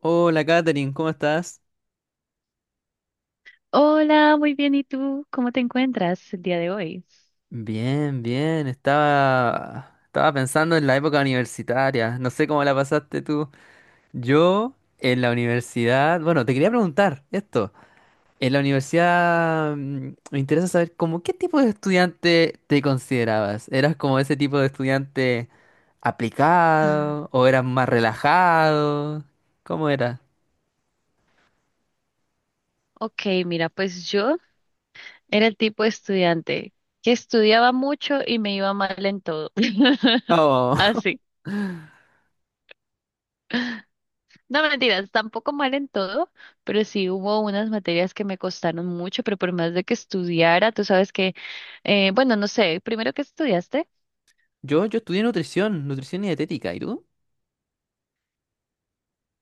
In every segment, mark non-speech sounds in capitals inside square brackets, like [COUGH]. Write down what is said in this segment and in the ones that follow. Hola Katherine, ¿cómo estás? Hola, muy bien. ¿Y tú? ¿Cómo te encuentras el día de hoy? Bien, bien, estaba pensando en la época universitaria, no sé cómo la pasaste tú. Yo en la universidad, bueno, te quería preguntar esto, en la universidad me interesa saber como qué tipo de estudiante te considerabas, ¿eras como ese tipo de estudiante Mm, aplicado o eras más relajado? ¿Cómo era? ok, mira, pues yo era el tipo de estudiante que estudiaba mucho y me iba mal en todo. [LAUGHS] Oh, [LAUGHS] Así. No mentiras, tampoco mal en todo, pero sí hubo unas materias que me costaron mucho, pero por más de que estudiara, tú sabes que, bueno, no sé, primero que estudiaste. Yo estudié nutrición y dietética, ¿y tú?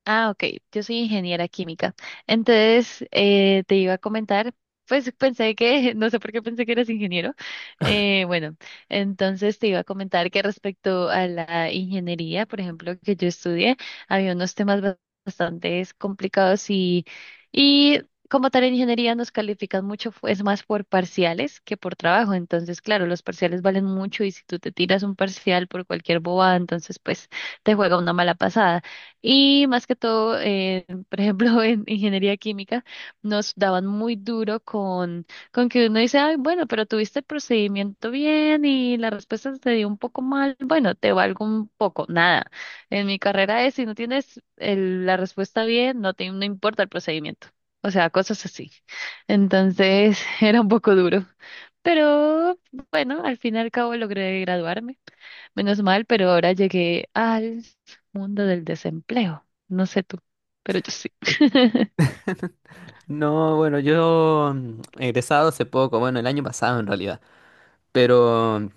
Ah, ok, yo soy ingeniera química. Entonces, te iba a comentar, pues pensé que, [LAUGHS] no sé por qué pensé que eras ingeniero. Bueno, entonces te iba a comentar que respecto a la ingeniería, por ejemplo, que yo estudié, había unos temas bastante complicados y como tal en ingeniería nos califican mucho, es más por parciales que por trabajo. Entonces, claro, los parciales valen mucho y si tú te tiras un parcial por cualquier boba, entonces pues te juega una mala pasada. Y más que todo, por ejemplo, [LAUGHS] en ingeniería química nos daban muy duro con que uno dice, ay, bueno, pero tuviste el procedimiento bien y la respuesta te dio un poco mal, bueno, te valgo un poco, nada. En mi carrera es, si no tienes la respuesta bien, no importa el procedimiento. O sea, cosas así. Entonces, [LAUGHS] era un poco duro. Pero bueno, al fin y al cabo logré graduarme. Menos mal, pero ahora llegué al mundo del desempleo. No sé tú, pero yo sí. [LAUGHS] No, bueno, yo he egresado hace poco, bueno, el año pasado en realidad, pero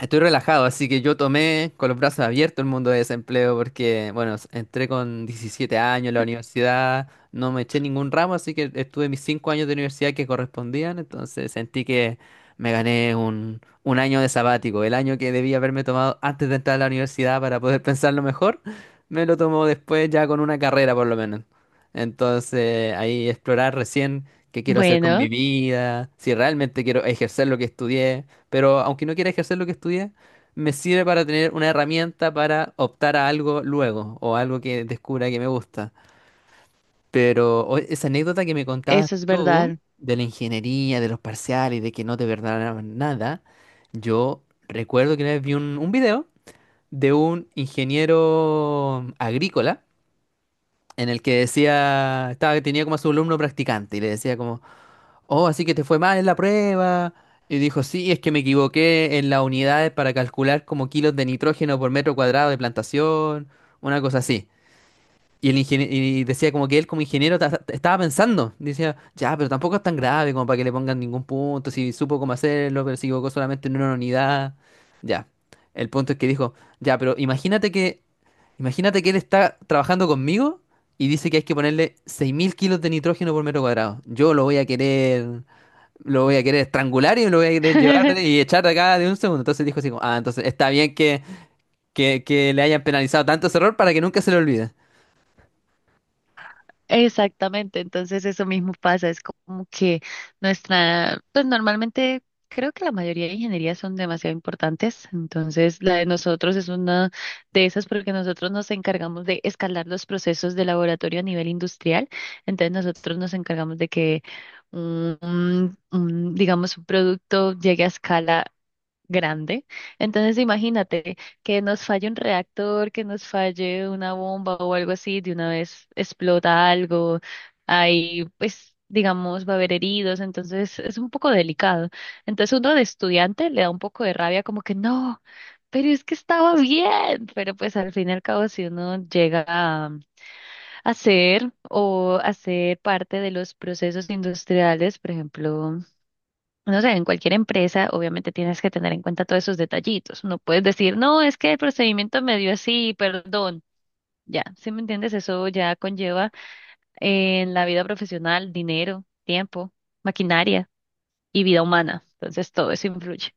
estoy relajado, así que yo tomé con los brazos abiertos el mundo de desempleo porque, bueno, entré con 17 años a la universidad, no me eché ningún ramo, así que estuve mis 5 años de universidad que correspondían, entonces sentí que me gané un año de sabático, el año que debía haberme tomado antes de entrar a la universidad para poder [LAUGHS] pensarlo mejor, me lo tomó después ya con una carrera por lo menos. Entonces ahí explorar recién qué quiero hacer con mi Bueno, vida, si realmente quiero ejercer lo que estudié. Pero aunque no quiera ejercer lo que estudié, me sirve para tener una herramienta para optar a algo luego o algo que descubra que me gusta. Pero esa anécdota que me contabas eso es tú verdad. de la ingeniería, de los parciales, de que no te perdonaban nada, yo recuerdo que una vez vi un video de un ingeniero agrícola en el que decía, tenía como a su alumno practicante y le decía como, oh, así que te fue mal en la prueba. Y dijo, sí, es que me equivoqué en las unidades para calcular como kilos de nitrógeno por metro cuadrado de plantación, una cosa así. Y decía como que él como ingeniero estaba pensando, decía, ya, pero tampoco es tan grave como para que le pongan ningún punto, si supo cómo hacerlo, pero se equivocó solamente en una unidad. Ya, el punto es que dijo, ya, pero imagínate que, él está trabajando conmigo y dice que hay que ponerle 6000 kilos de nitrógeno por metro cuadrado. Yo lo voy a querer estrangular y me lo voy a querer llevar y [LAUGHS] echar de acá de un segundo. Entonces dijo así como, ah, entonces está bien que le hayan penalizado tanto ese error para que nunca se le olvide. Exactamente, entonces eso mismo pasa, es como que nuestra, pues normalmente creo que la mayoría de ingenierías son demasiado importantes, entonces la de nosotros es una de esas porque nosotros nos encargamos de escalar los procesos de laboratorio a nivel industrial, entonces nosotros nos encargamos de que digamos, un producto llegue a escala grande. Entonces, imagínate que nos falle un reactor, que nos falle una bomba o algo así, de una vez explota algo, ahí pues digamos va a haber heridos, entonces es un poco delicado. Entonces uno de estudiante le da un poco de rabia como que no, pero es que estaba bien, pero pues al fin y al cabo si uno llega a hacer o hacer parte de los procesos industriales, por ejemplo, no sé, en cualquier empresa obviamente tienes que tener en cuenta todos esos detallitos. No puedes decir, no, es que el procedimiento me dio así, perdón. Ya, ¿si me entiendes? Eso ya conlleva en la vida profesional dinero, tiempo, maquinaria y vida humana. Entonces todo eso influye.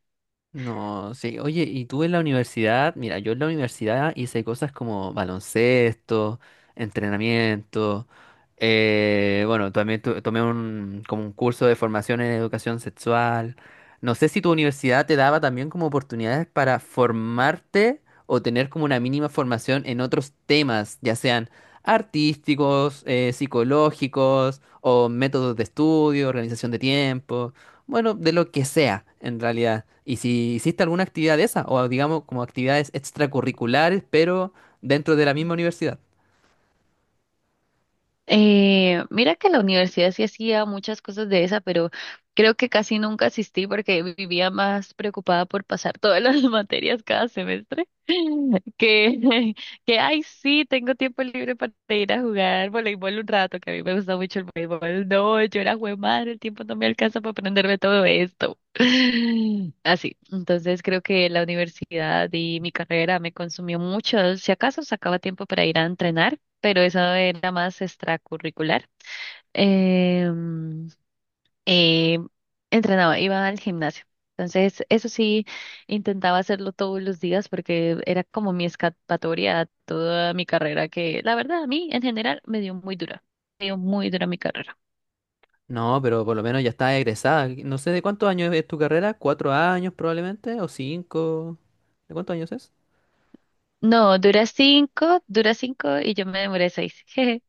No, sí, oye, y tú en la universidad, mira, yo en la universidad hice cosas como baloncesto, entrenamiento, bueno, también tomé como un curso de formación en educación sexual. No sé si tu universidad te daba también como oportunidades para formarte o tener como una mínima formación en otros temas, ya sean artísticos, psicológicos o métodos de estudio, organización de tiempo. Bueno, de lo que sea, en realidad. Y si hiciste alguna actividad de esa, o digamos como actividades extracurriculares, pero dentro de la misma universidad. Mira que la universidad sí hacía muchas cosas de esa, pero creo que casi nunca asistí porque vivía más preocupada por pasar todas las [LAUGHS] materias cada semestre que, [LAUGHS] que, ay, sí, tengo tiempo libre para ir a jugar voleibol un rato, que a mí me gusta mucho el voleibol. No, yo era madre, el tiempo no me alcanza para aprenderme todo esto. [LAUGHS] Así, entonces creo que la universidad y mi carrera me consumió mucho. Si acaso sacaba tiempo para ir a entrenar, pero eso era más extracurricular. Em, eh, entrenaba, iba al gimnasio. Entonces, eso sí, intentaba hacerlo todos los días porque era como mi escapatoria a toda mi carrera, que la verdad a mí en general me dio muy dura, me dio muy dura mi carrera. No, pero por lo menos ya estás egresada. No sé de cuántos años es tu carrera, 4 años probablemente, o 5. ¿De cuántos años es? No, dura cinco y yo me demoré seis. Jeje.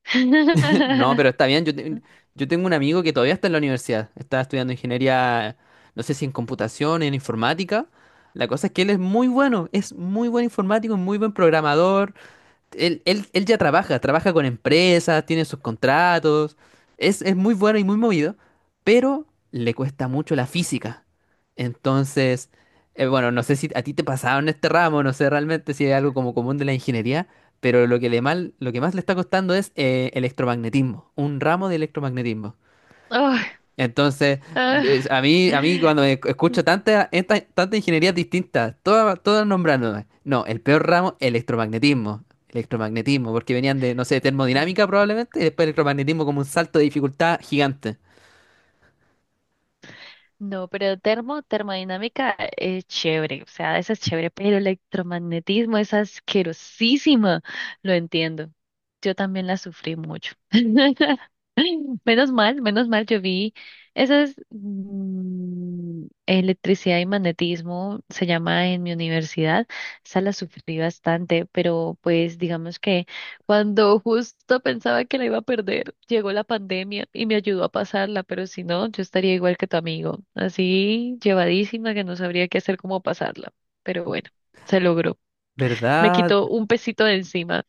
[LAUGHS] No, pero [LAUGHS] está bien. Yo tengo un amigo que todavía está en la universidad. Está estudiando ingeniería, no sé si en computación, en informática. La cosa es que él es muy bueno, es muy buen informático, muy buen programador. Él ya trabaja con empresas, tiene sus contratos, es muy bueno y muy movido, pero le cuesta mucho la física. Entonces, bueno, no sé si a ti te pasaba en este ramo, no sé realmente si es algo como común de la ingeniería, pero lo que más le está costando es electromagnetismo, un ramo de electromagnetismo. Oh, Entonces, ah. a mí cuando escucho tantas tantas ingenierías distintas, todas, todas nombrándome. No, el peor ramo, electromagnetismo. Electromagnetismo, porque venían de, no sé, termodinámica probablemente, y después electromagnetismo como un salto de dificultad gigante. No, pero termodinámica es chévere, o sea, esa es chévere, pero electromagnetismo es asquerosísima, lo entiendo. Yo también la sufrí mucho. [LAUGHS] Menos mal, yo vi esas electricidad y magnetismo, se llama en mi universidad, esa la sufrí bastante, pero pues digamos que cuando justo pensaba que la iba a perder, llegó la pandemia y me ayudó a pasarla, pero si no, yo estaría igual que tu amigo, así llevadísima que no sabría qué hacer cómo pasarla. Pero bueno, se logró. Me ¿Verdad? quitó un pesito de encima.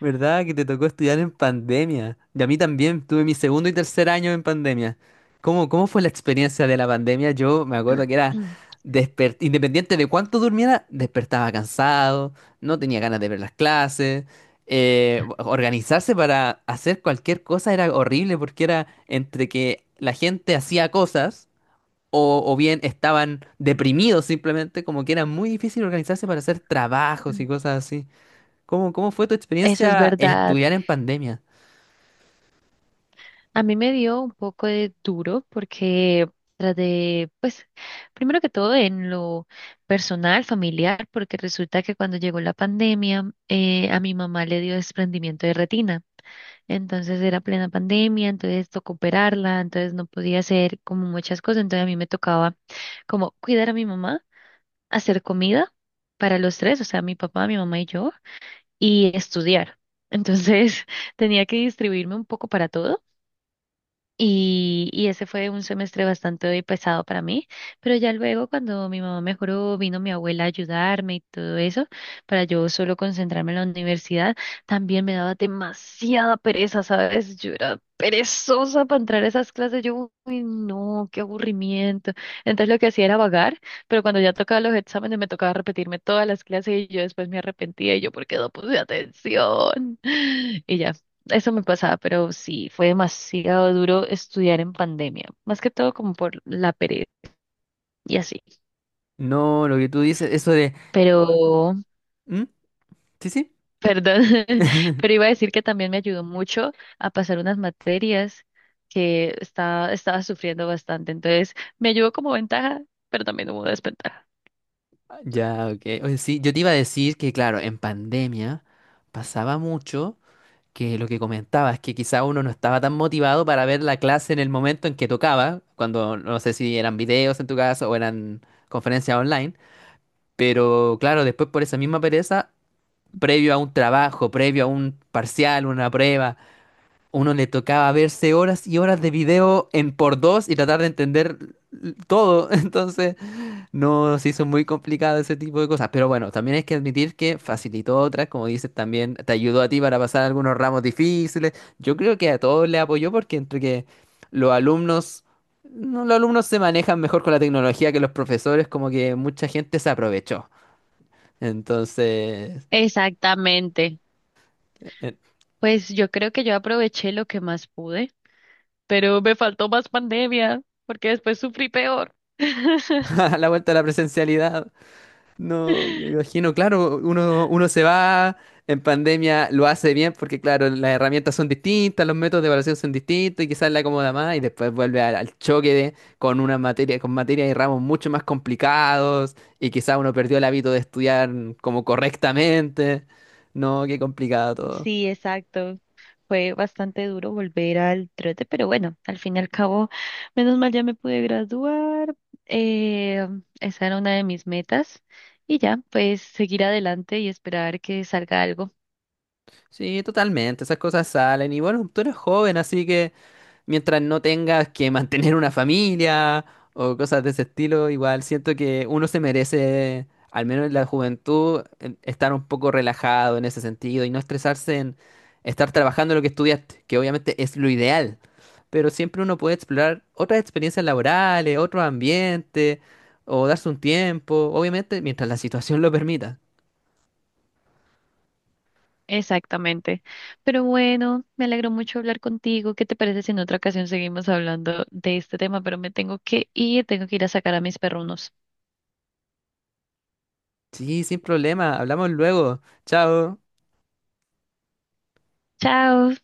¿Verdad? Que te tocó estudiar en pandemia. Y a mí también, tuve mi segundo y tercer año en pandemia. ¿Cómo fue la experiencia de la pandemia? Yo me acuerdo que era, [CLEARS THROAT] independiente de cuánto durmiera, despertaba cansado, no tenía ganas de ver las clases. Organizarse para hacer cualquier cosa era horrible porque era entre que la gente hacía cosas o bien estaban deprimidos simplemente, como que era muy difícil organizarse para hacer trabajos y cosas. ¿Cómo fue tu Eso es experiencia verdad. estudiar en pandemia? A mí me dio un poco de duro porque traté, pues, primero que todo en lo personal, familiar, porque resulta que cuando llegó la pandemia, a mi mamá le dio desprendimiento de retina. Entonces era plena pandemia, entonces tocó operarla, entonces no podía hacer como muchas cosas. Entonces a mí me tocaba como cuidar a mi mamá, hacer comida para los tres, o sea, mi papá, mi mamá y yo, y estudiar. Entonces [LAUGHS] tenía que distribuirme un poco para todo y ese fue un semestre bastante pesado para mí, pero ya luego cuando mi mamá mejoró, vino mi abuela a ayudarme y todo eso, para yo solo concentrarme en la universidad, también me daba demasiada pereza, ¿sabes? Yo era perezosa para entrar a esas clases, yo, uy, no, qué aburrimiento. Entonces lo que hacía era vagar, pero cuando ya tocaba los exámenes me tocaba repetirme todas las clases y yo después me arrepentía y yo, ¿por qué no puse atención? [LAUGHS] Y ya, eso me pasaba, pero sí, fue demasiado duro estudiar en pandemia, más que todo como por la pereza y así. No, lo que tú dices, eso de. Pero, ¿Mm? ¿Sí, sí? perdón, [LAUGHS] pero iba a [LAUGHS] decir que también me ayudó mucho a pasar unas materias que estaba sufriendo bastante. Entonces, me ayudó como ventaja, pero también hubo desventaja. Ya, ok. Oye, sí, yo te iba a decir que, claro, en pandemia pasaba mucho que lo que comentabas, que quizá uno no estaba tan motivado para ver la clase en el momento en que tocaba, cuando no sé si eran videos en tu caso o eran conferencias online, pero claro, después por esa misma pereza, previo a un trabajo, previo a un parcial, una prueba. Uno le tocaba verse horas y horas de video en por dos y tratar de entender todo. [LAUGHS] Entonces, no se hizo muy complicado ese tipo de cosas. Pero bueno, también hay que admitir que facilitó otras, como dices también, te ayudó a ti para pasar algunos ramos difíciles. Yo creo que a todos le apoyó porque entre que los alumnos, no, los alumnos se manejan mejor con la tecnología que los profesores, como que mucha gente se aprovechó. Entonces, Exactamente. [LAUGHS] Pues yo creo que yo aproveché lo que más pude, pero me faltó más pandemia, porque después sufrí peor. [LAUGHS] a la vuelta a la presencialidad. No, me imagino, claro, uno se va en pandemia, lo hace bien porque, claro, las herramientas son distintas, los métodos de evaluación son distintos y quizás le acomoda más y después vuelve al choque de, con una materia, con materias y ramos mucho más complicados y quizás uno perdió el hábito de estudiar como correctamente. No, qué complicado todo. Sí, exacto. Fue bastante duro volver al trote, pero bueno, al fin y al cabo, menos mal ya me pude graduar. Eh, esa era una de mis metas. Y ya, pues seguir adelante y esperar que salga algo. Sí, totalmente, esas cosas salen y bueno, tú eres joven, así que mientras no tengas que mantener una familia o cosas de ese estilo, igual siento que uno se merece, al menos en la juventud, estar un poco relajado en ese sentido y no estresarse en estar trabajando lo que estudiaste, que obviamente es lo ideal, pero siempre uno puede explorar otras experiencias laborales, otro ambiente o darse un tiempo, obviamente mientras la situación lo permita. Exactamente. Pero bueno, me alegró mucho hablar contigo. ¿Qué te parece si en otra ocasión seguimos hablando de este tema? Pero me tengo que ir a sacar a mis perrunos. Sí, sin problema, hablamos luego. Chao. Chao.